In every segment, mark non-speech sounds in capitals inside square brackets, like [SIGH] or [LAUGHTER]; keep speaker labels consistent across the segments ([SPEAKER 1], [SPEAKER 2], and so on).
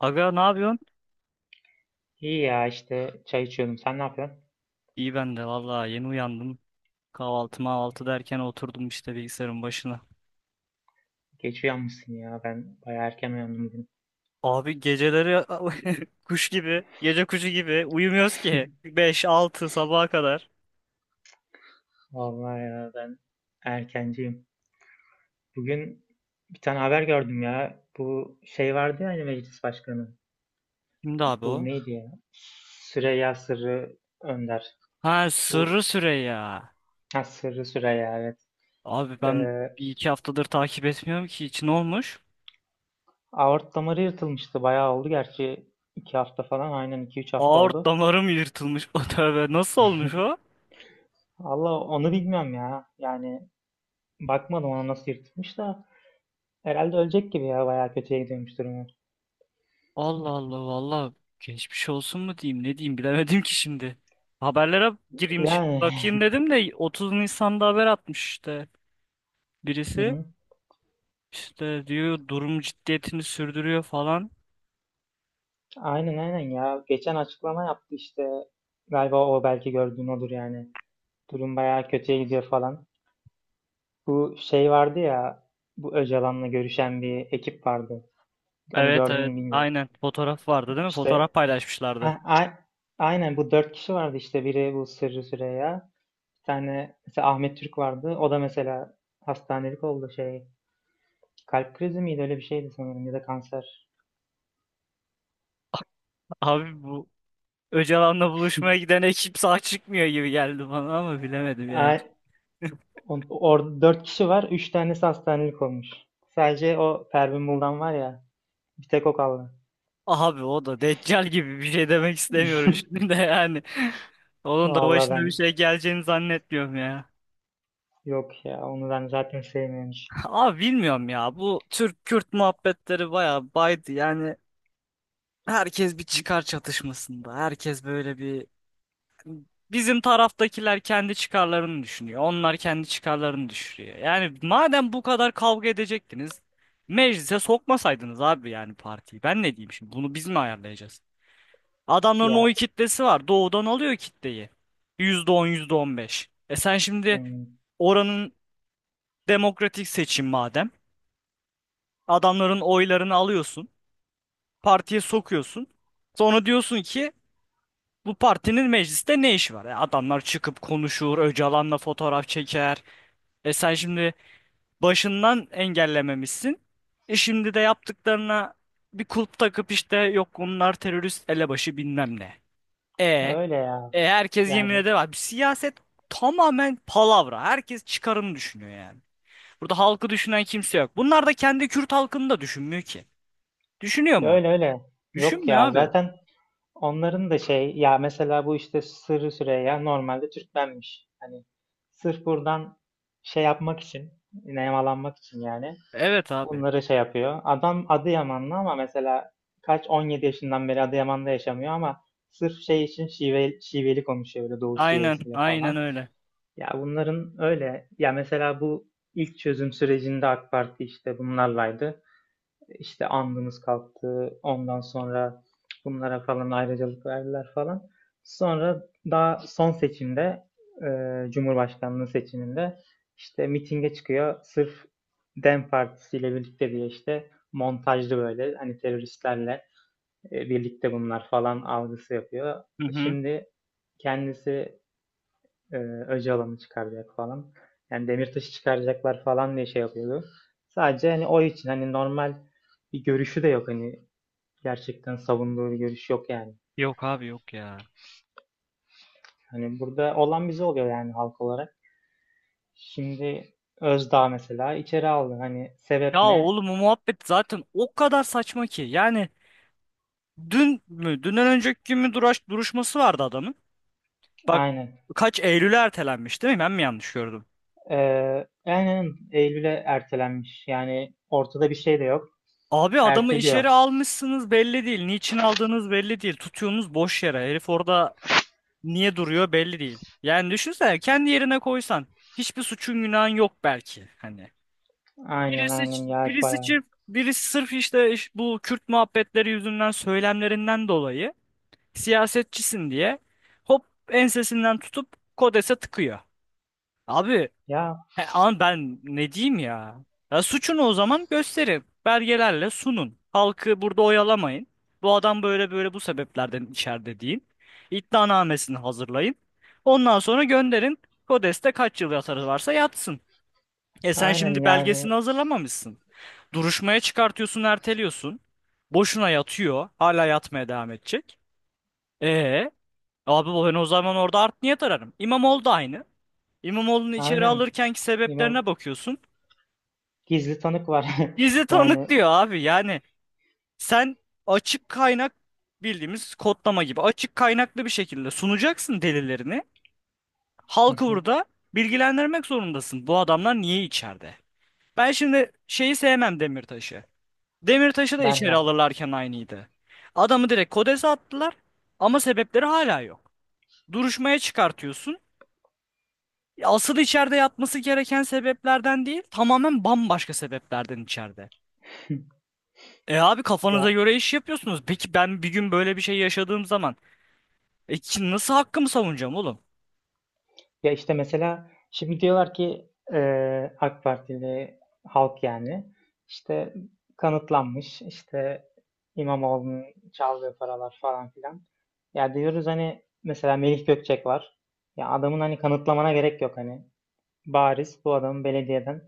[SPEAKER 1] Aga ne yapıyorsun?
[SPEAKER 2] İyi ya işte çay içiyordum. Sen ne yapıyorsun?
[SPEAKER 1] İyi ben de vallahi yeni uyandım. Kahvaltı mahvaltı derken oturdum işte bilgisayarın başına.
[SPEAKER 2] Geç uyanmışsın ya. Ben bayağı erken uyandım bugün.
[SPEAKER 1] Abi geceleri [LAUGHS] kuş gibi, gece kuşu gibi uyumuyoruz ki,
[SPEAKER 2] [LAUGHS]
[SPEAKER 1] 5-6 sabaha kadar.
[SPEAKER 2] Vallahi ya ben erkenciyim. Bugün bir tane haber gördüm ya. Bu şey vardı ya hani meclis başkanı.
[SPEAKER 1] Kimdi abi
[SPEAKER 2] Bu
[SPEAKER 1] o?
[SPEAKER 2] neydi ya? Süreyya Sırrı Önder.
[SPEAKER 1] Ha
[SPEAKER 2] Bu
[SPEAKER 1] Sırrı Süreyya.
[SPEAKER 2] ha, Sırrı Süreyya evet.
[SPEAKER 1] Abi ben
[SPEAKER 2] Ee,
[SPEAKER 1] bir iki haftadır takip etmiyorum ki, hiç. Olmuş?
[SPEAKER 2] aort damarı yırtılmıştı. Bayağı oldu gerçi. İki hafta falan, aynen, iki üç hafta
[SPEAKER 1] Aort
[SPEAKER 2] oldu.
[SPEAKER 1] damarım yırtılmış. [LAUGHS] O tövbe nasıl olmuş o?
[SPEAKER 2] Allah onu bilmiyorum ya. Yani bakmadım ona nasıl yırtılmış da. Herhalde ölecek gibi ya, bayağı kötüye gidiyormuş durumu.
[SPEAKER 1] Allah Allah valla, geçmiş olsun mu diyeyim ne diyeyim bilemedim ki şimdi. Haberlere gireyim şimdi
[SPEAKER 2] Yani
[SPEAKER 1] bakayım
[SPEAKER 2] [LAUGHS]
[SPEAKER 1] dedim de 30 Nisan'da haber atmış işte
[SPEAKER 2] hı
[SPEAKER 1] birisi.
[SPEAKER 2] hı.
[SPEAKER 1] İşte diyor, durum ciddiyetini sürdürüyor falan.
[SPEAKER 2] Aynen aynen ya. Geçen açıklama yaptı işte. Galiba o belki gördüğün odur yani. Durum bayağı kötüye gidiyor falan. Bu şey vardı ya, bu Öcalan'la görüşen bir ekip vardı. Onu
[SPEAKER 1] Evet
[SPEAKER 2] gördün
[SPEAKER 1] evet,
[SPEAKER 2] mü bilmiyorum.
[SPEAKER 1] aynen, fotoğraf vardı değil mi?
[SPEAKER 2] İşte
[SPEAKER 1] Fotoğraf paylaşmışlardı.
[SPEAKER 2] ha, aynen bu dört kişi vardı işte. Biri bu Sırrı Süreyya. Bir tane mesela Ahmet Türk vardı. O da mesela hastanelik oldu şey. Kalp krizi miydi, öyle bir şeydi sanırım, ya da kanser.
[SPEAKER 1] Abi bu Öcalan'la buluşmaya giden ekip sağ çıkmıyor gibi geldi bana ama bilemedim yani.
[SPEAKER 2] A- Orada dört kişi var. Üç tanesi hastanelik olmuş. Sadece o Pervin Buldan var ya. Bir tek o kaldı.
[SPEAKER 1] Abi o da Deccal gibi, bir şey demek istemiyorum şimdi de yani, onun da
[SPEAKER 2] Vallahi ben
[SPEAKER 1] başına bir şey geleceğini zannetmiyorum ya.
[SPEAKER 2] yok ya. Onu ben zaten sevmiyormuş.
[SPEAKER 1] Abi bilmiyorum ya, bu Türk-Kürt muhabbetleri bayağı baydı yani, herkes bir çıkar çatışmasında, herkes böyle bir, bizim taraftakiler kendi çıkarlarını düşünüyor, onlar kendi çıkarlarını düşünüyor. Yani madem bu kadar kavga edecektiniz, meclise sokmasaydınız abi yani partiyi. Ben ne diyeyim şimdi, bunu biz mi ayarlayacağız? Adamların oy
[SPEAKER 2] Ya
[SPEAKER 1] kitlesi var, doğudan alıyor kitleyi, yüzde on, yüzde on beş. Sen şimdi
[SPEAKER 2] hmm,
[SPEAKER 1] oranın demokratik seçim madem, adamların oylarını alıyorsun, partiye sokuyorsun. Sonra diyorsun ki bu partinin mecliste ne işi var? E, adamlar çıkıp konuşur, Öcalan'la fotoğraf çeker. E sen şimdi başından engellememişsin. E şimdi de yaptıklarına bir kulp takıp, işte yok bunlar terörist elebaşı bilmem ne. E,
[SPEAKER 2] öyle ya.
[SPEAKER 1] e herkes yemin
[SPEAKER 2] Yani
[SPEAKER 1] eder. Siyaset tamamen palavra. Herkes çıkarını düşünüyor yani. Burada halkı düşünen kimse yok. Bunlar da kendi Kürt halkını da düşünmüyor ki. Düşünüyor mu?
[SPEAKER 2] öyle öyle. Yok
[SPEAKER 1] Düşünmüyor
[SPEAKER 2] ya.
[SPEAKER 1] abi.
[SPEAKER 2] Zaten onların da şey ya, mesela bu işte Sırrı Süreyya normalde Türkmenmiş. Hani sırf buradan şey yapmak için, nemalanmak için yani.
[SPEAKER 1] Evet abi.
[SPEAKER 2] Bunları şey yapıyor. Adam Adıyamanlı ama mesela 17 yaşından beri Adıyaman'da yaşamıyor ama sırf şey için şive, şiveli konuşuyor böyle doğu
[SPEAKER 1] Aynen,
[SPEAKER 2] şivesiyle
[SPEAKER 1] aynen
[SPEAKER 2] falan.
[SPEAKER 1] öyle.
[SPEAKER 2] Ya bunların öyle. Ya mesela bu ilk çözüm sürecinde AK Parti işte bunlarlaydı. İşte andımız kalktı. Ondan sonra bunlara falan ayrıcalık verdiler falan. Sonra daha son seçimde Cumhurbaşkanlığı seçiminde işte mitinge çıkıyor. Sırf Dem Partisi ile birlikte diye işte montajlı, böyle hani teröristlerle birlikte bunlar falan algısı yapıyor.
[SPEAKER 1] Hı hı.
[SPEAKER 2] Şimdi kendisi e, Öcalan'ı çıkaracak falan. Yani Demirtaş'ı çıkaracaklar falan diye şey yapıyordu. Sadece hani o için hani normal bir görüşü de yok hani, gerçekten savunduğu bir görüş yok yani.
[SPEAKER 1] Yok abi, yok ya.
[SPEAKER 2] Hani burada olan bize oluyor yani halk olarak. Şimdi Özdağ mesela içeri aldı. Hani sebep
[SPEAKER 1] Ya
[SPEAKER 2] ne?
[SPEAKER 1] oğlum, o muhabbet zaten o kadar saçma ki. Yani dün mü, dünden önceki gün mü, duruşması vardı adamın. Bak,
[SPEAKER 2] Aynen.
[SPEAKER 1] kaç Eylül'e ertelenmiş değil mi? Ben mi yanlış gördüm?
[SPEAKER 2] Aynen Eylül'e ertelenmiş. Yani ortada bir şey de yok.
[SPEAKER 1] Abi adamı
[SPEAKER 2] Erteliyor.
[SPEAKER 1] içeri almışsınız, belli değil. Niçin aldığınız belli değil. Tutuyorsunuz boş yere. Herif orada niye duruyor belli değil. Yani düşünsene, kendi yerine koysan. Hiçbir suçun günahın yok belki. Hani.
[SPEAKER 2] Aynen
[SPEAKER 1] Birisi,
[SPEAKER 2] aynen ya,
[SPEAKER 1] birisi
[SPEAKER 2] bayağı.
[SPEAKER 1] çift, birisi sırf işte bu Kürt muhabbetleri yüzünden, söylemlerinden dolayı, siyasetçisin diye hop ensesinden tutup Kodes'e tıkıyor. Abi
[SPEAKER 2] Ya
[SPEAKER 1] he, ama ben ne diyeyim ya? Ya suçunu o zaman gösterin. Belgelerle sunun. Halkı burada oyalamayın. Bu adam böyle böyle bu sebeplerden içeride deyin. İddianamesini hazırlayın. Ondan sonra gönderin. Kodes'te kaç yıl yatarı varsa yatsın. E sen
[SPEAKER 2] aynen
[SPEAKER 1] şimdi
[SPEAKER 2] yani
[SPEAKER 1] belgesini hazırlamamışsın. Duruşmaya çıkartıyorsun, erteliyorsun. Boşuna yatıyor. Hala yatmaya devam edecek. E abi, ben o zaman orada art niyet ararım. İmamoğlu da aynı. İmamoğlu'nu içeri
[SPEAKER 2] aynen.
[SPEAKER 1] alırkenki
[SPEAKER 2] İmam
[SPEAKER 1] sebeplerine bakıyorsun.
[SPEAKER 2] Gizli tanık var. [LAUGHS]
[SPEAKER 1] Bizi tanık
[SPEAKER 2] Yani
[SPEAKER 1] diyor abi. Yani sen açık kaynak, bildiğimiz kodlama gibi açık kaynaklı bir şekilde sunacaksın delillerini.
[SPEAKER 2] hı
[SPEAKER 1] Halkı
[SPEAKER 2] hı,
[SPEAKER 1] burada bilgilendirmek zorundasın. Bu adamlar niye içeride? Ben şimdi şeyi sevmem, Demirtaş'ı. Demirtaş'ı da içeri
[SPEAKER 2] benden.
[SPEAKER 1] alırlarken aynıydı. Adamı direkt Kodes'e attılar ama sebepleri hala yok. Duruşmaya çıkartıyorsun. Asıl içeride yatması gereken sebeplerden değil, tamamen bambaşka sebeplerden içeride.
[SPEAKER 2] [LAUGHS]
[SPEAKER 1] E abi, kafanıza
[SPEAKER 2] Ya,
[SPEAKER 1] göre iş yapıyorsunuz. Peki ben bir gün böyle bir şey yaşadığım zaman nasıl hakkımı savunacağım oğlum?
[SPEAKER 2] ya işte mesela şimdi diyorlar ki AK Partili halk yani işte kanıtlanmış işte İmamoğlu'nun çaldığı paralar falan filan. Ya diyoruz hani mesela Melih Gökçek var. Ya adamın hani kanıtlamana gerek yok hani. Bariz bu adamın belediyeden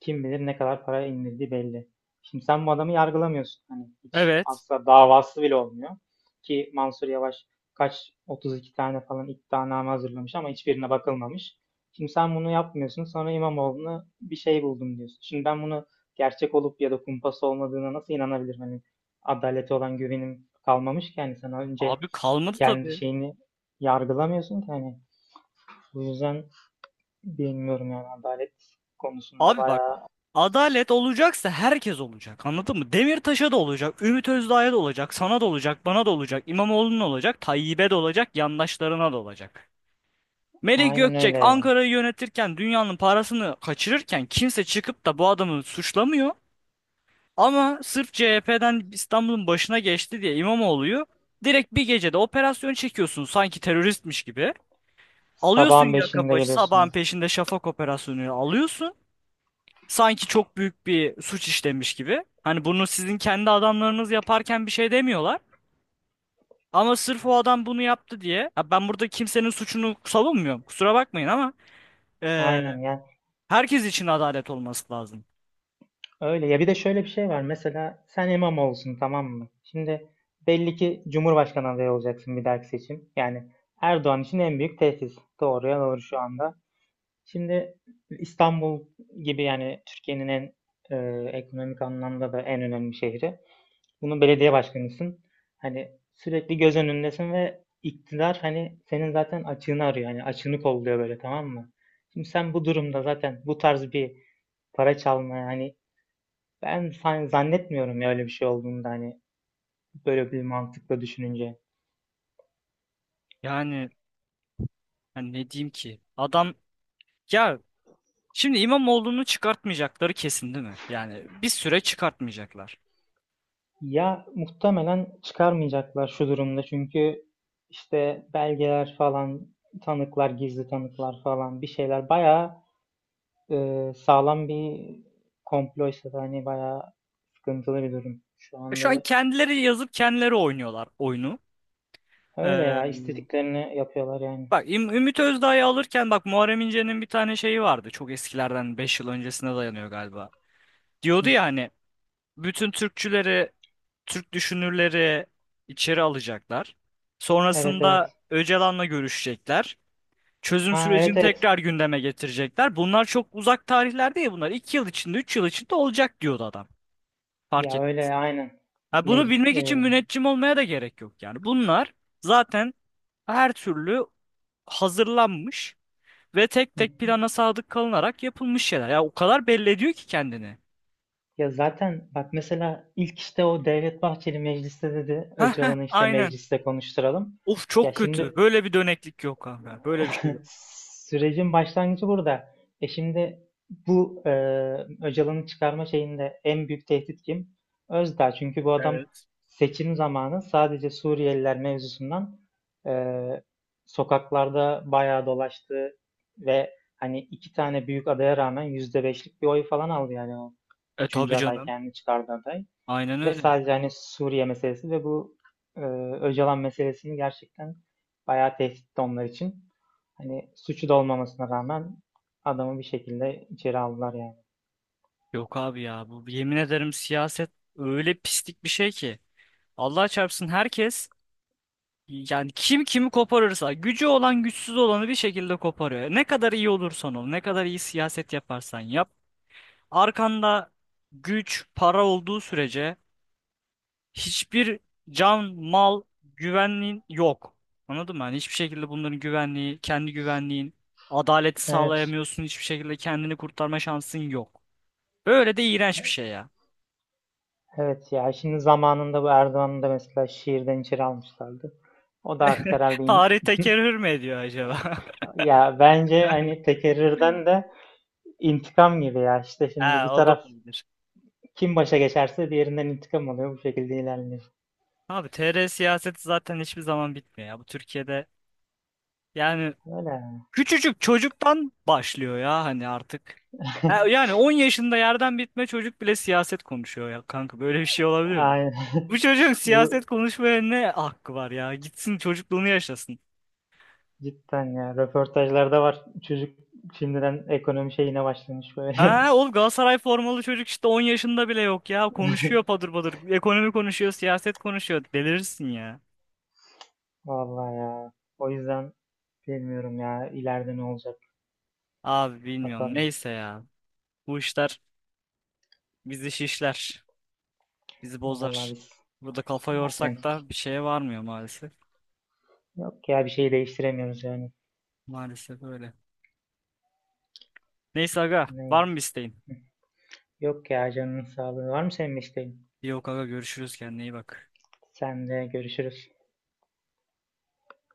[SPEAKER 2] kim bilir ne kadar para indirdiği belli. Şimdi sen bu adamı yargılamıyorsun. Hani hiç
[SPEAKER 1] Evet.
[SPEAKER 2] asla davası bile olmuyor. Ki Mansur Yavaş 32 tane falan iddianame hazırlamış ama hiçbirine bakılmamış. Şimdi sen bunu yapmıyorsun. Sonra İmamoğlu'na bir şey buldum diyorsun. Şimdi ben bunu gerçek olup ya da kumpas olmadığına nasıl inanabilirim? Hani adalete olan güvenim kalmamış ki. Yani sen önce
[SPEAKER 1] Abi kalmadı
[SPEAKER 2] kendi
[SPEAKER 1] tabii.
[SPEAKER 2] şeyini yargılamıyorsun ki. Hani bu yüzden bilmiyorum yani adalet konusunda
[SPEAKER 1] Abi bak,
[SPEAKER 2] bayağı.
[SPEAKER 1] adalet olacaksa herkes olacak, anladın mı? Demirtaş'a da olacak, Ümit Özdağ'a da olacak, sana da olacak, bana da olacak, İmamoğlu'na olacak, Tayyip'e de olacak, yandaşlarına da olacak. Melih
[SPEAKER 2] Aynen
[SPEAKER 1] Gökçek.
[SPEAKER 2] öyle
[SPEAKER 1] Evet.
[SPEAKER 2] ya.
[SPEAKER 1] Ankara'yı yönetirken, dünyanın parasını kaçırırken kimse çıkıp da bu adamı suçlamıyor. Ama sırf CHP'den İstanbul'un başına geçti diye İmamoğlu'yu direkt bir gecede operasyon çekiyorsun, sanki teröristmiş gibi. Alıyorsun
[SPEAKER 2] Sabahın
[SPEAKER 1] yaka
[SPEAKER 2] beşinde
[SPEAKER 1] paça, sabahın
[SPEAKER 2] geliyorsun.
[SPEAKER 1] peşinde şafak operasyonu alıyorsun, sanki çok büyük bir suç işlemiş gibi. Hani bunu sizin kendi adamlarınız yaparken bir şey demiyorlar. Ama sırf o adam bunu yaptı diye. Ya ben burada kimsenin suçunu savunmuyorum, kusura bakmayın, ama e,
[SPEAKER 2] Aynen yani.
[SPEAKER 1] herkes için adalet olması lazım.
[SPEAKER 2] Öyle ya, bir de şöyle bir şey var. Mesela sen imam olsun, tamam mı? Şimdi belli ki Cumhurbaşkanı adayı olacaksın bir dahaki seçim. Yani Erdoğan için en büyük tehdit. Doğruya doğru şu anda. Şimdi İstanbul gibi yani Türkiye'nin en ekonomik anlamda da en önemli şehri. Bunun belediye başkanısın. Hani sürekli göz önündesin ve iktidar hani senin zaten açığını arıyor. Hani açığını kolluyor böyle, tamam mı? Şimdi sen bu durumda zaten bu tarz bir para çalmaya hani, ben zannetmiyorum ya öyle bir şey olduğunu da, hani böyle bir mantıkla düşününce.
[SPEAKER 1] Yani, hani ne diyeyim ki? Adam ya, şimdi İmamoğlu'nu çıkartmayacakları kesin değil mi? Yani bir süre çıkartmayacaklar.
[SPEAKER 2] Ya muhtemelen çıkarmayacaklar şu durumda, çünkü işte belgeler falan, tanıklar, gizli tanıklar falan, bir şeyler bayağı. Sağlam bir komploysa da hani bayağı sıkıntılı bir durum. Şu
[SPEAKER 1] E, şu an
[SPEAKER 2] anda
[SPEAKER 1] kendileri yazıp kendileri oynuyorlar oyunu.
[SPEAKER 2] öyle
[SPEAKER 1] E,
[SPEAKER 2] ya, istediklerini yapıyorlar yani.
[SPEAKER 1] bak Ümit Özdağ'ı alırken bak, Muharrem İnce'nin bir tane şeyi vardı. Çok eskilerden, 5 yıl öncesine dayanıyor galiba. Diyordu
[SPEAKER 2] Hı.
[SPEAKER 1] ya hani, bütün Türkçüleri, Türk düşünürleri içeri alacaklar.
[SPEAKER 2] Evet evet.
[SPEAKER 1] Sonrasında Öcalan'la görüşecekler. Çözüm
[SPEAKER 2] Ha, evet
[SPEAKER 1] sürecini tekrar
[SPEAKER 2] evet.
[SPEAKER 1] gündeme getirecekler. Bunlar çok uzak tarihler değil bunlar. 2 yıl içinde, 3 yıl içinde olacak diyordu adam. Fark
[SPEAKER 2] Ya
[SPEAKER 1] et.
[SPEAKER 2] öyle aynen.
[SPEAKER 1] Ha, bunu
[SPEAKER 2] Mec-
[SPEAKER 1] bilmek için
[SPEAKER 2] e,
[SPEAKER 1] müneccim olmaya da gerek yok yani. Bunlar zaten her türlü hazırlanmış. Ve tek
[SPEAKER 2] hı
[SPEAKER 1] tek
[SPEAKER 2] hı.
[SPEAKER 1] plana sadık kalınarak yapılmış şeyler. Ya o kadar belli ediyor ki kendini.
[SPEAKER 2] Ya zaten bak mesela ilk işte o Devlet Bahçeli mecliste dedi
[SPEAKER 1] [LAUGHS] Heh, heh,
[SPEAKER 2] Öcalan'ı işte
[SPEAKER 1] aynen.
[SPEAKER 2] mecliste konuşturalım.
[SPEAKER 1] Of,
[SPEAKER 2] Ya
[SPEAKER 1] çok kötü.
[SPEAKER 2] şimdi
[SPEAKER 1] Böyle bir döneklik yok abi. Böyle bir şey yok.
[SPEAKER 2] [LAUGHS] sürecin başlangıcı burada. Şimdi bu Öcalan'ı çıkarma şeyinde en büyük tehdit kim? Özdağ. Çünkü bu adam
[SPEAKER 1] Evet.
[SPEAKER 2] seçim zamanı sadece Suriyeliler mevzusundan e, sokaklarda bayağı dolaştı ve hani iki tane büyük adaya rağmen yüzde beşlik bir oy falan aldı yani o
[SPEAKER 1] E
[SPEAKER 2] üçüncü
[SPEAKER 1] tabii
[SPEAKER 2] aday
[SPEAKER 1] canım.
[SPEAKER 2] kendini çıkardı aday.
[SPEAKER 1] Aynen
[SPEAKER 2] Ve
[SPEAKER 1] öyle.
[SPEAKER 2] sadece hani Suriye meselesi ve bu e, Öcalan meselesini gerçekten bayağı tehditti onlar için. Hani suçu da olmamasına rağmen adamı bir şekilde içeri aldılar yani.
[SPEAKER 1] Yok abi ya, bu yemin ederim siyaset öyle pislik bir şey ki. Allah çarpsın, herkes yani, kim kimi koparırsa, gücü olan güçsüz olanı bir şekilde koparıyor. Ne kadar iyi olursan ol, ne kadar iyi siyaset yaparsan yap. Arkanda güç, para olduğu sürece hiçbir can, mal, güvenliğin yok. Anladın mı? Hani hiçbir şekilde bunların güvenliği, kendi güvenliğin, adaleti
[SPEAKER 2] Evet.
[SPEAKER 1] sağlayamıyorsun. Hiçbir şekilde kendini kurtarma şansın yok. Böyle de iğrenç bir şey ya.
[SPEAKER 2] Evet ya, şimdi zamanında bu Erdoğan'ı da mesela şiirden içeri almışlardı. O da artık herhalde
[SPEAKER 1] [LAUGHS] Tarih
[SPEAKER 2] [LAUGHS]
[SPEAKER 1] tekerrür mü ediyor acaba? [LAUGHS]
[SPEAKER 2] ya bence hani tekerrürden de intikam gibi ya, işte
[SPEAKER 1] He,
[SPEAKER 2] şimdi bir
[SPEAKER 1] o da
[SPEAKER 2] taraf
[SPEAKER 1] olabilir.
[SPEAKER 2] kim başa geçerse diğerinden intikam alıyor, bu şekilde ilerliyor.
[SPEAKER 1] Abi TR siyaseti zaten hiçbir zaman bitmiyor ya. Bu Türkiye'de yani,
[SPEAKER 2] Öyle yani.
[SPEAKER 1] küçücük çocuktan başlıyor ya hani artık.
[SPEAKER 2] [LAUGHS]
[SPEAKER 1] Yani 10 yaşında yerden bitme çocuk bile siyaset konuşuyor ya kanka, böyle bir şey olabilir mi?
[SPEAKER 2] Aynen.
[SPEAKER 1] Bu çocuğun
[SPEAKER 2] [LAUGHS] Bu
[SPEAKER 1] siyaset konuşmaya ne hakkı var ya? Gitsin çocukluğunu yaşasın.
[SPEAKER 2] Cidden ya. Röportajlarda var. Çocuk şimdiden ekonomi şeyine başlamış böyle.
[SPEAKER 1] Ha oğlum, Galatasaray formalı çocuk işte 10 yaşında bile yok ya. Konuşuyor
[SPEAKER 2] [LAUGHS]
[SPEAKER 1] padır padır. Ekonomi konuşuyor, siyaset konuşuyor. Delirirsin ya.
[SPEAKER 2] Vallahi ya. O yüzden bilmiyorum ya. İleride ne olacak?
[SPEAKER 1] Abi bilmiyorum.
[SPEAKER 2] Bakalım.
[SPEAKER 1] Neyse ya. Bu işler bizi şişler. Bizi
[SPEAKER 2] Vallahi
[SPEAKER 1] bozar.
[SPEAKER 2] biz
[SPEAKER 1] Burada kafa
[SPEAKER 2] aynen.
[SPEAKER 1] yorsak da bir şeye varmıyor maalesef.
[SPEAKER 2] Yok ya, bir şey değiştiremiyoruz yani.
[SPEAKER 1] Maalesef öyle. Neyse aga, var
[SPEAKER 2] Ne?
[SPEAKER 1] mı bir isteğin?
[SPEAKER 2] Yok ya, canının sağlığı. Var mı senin isteğin?
[SPEAKER 1] Yok aga, görüşürüz, kendine iyi bak.
[SPEAKER 2] Sen de görüşürüz.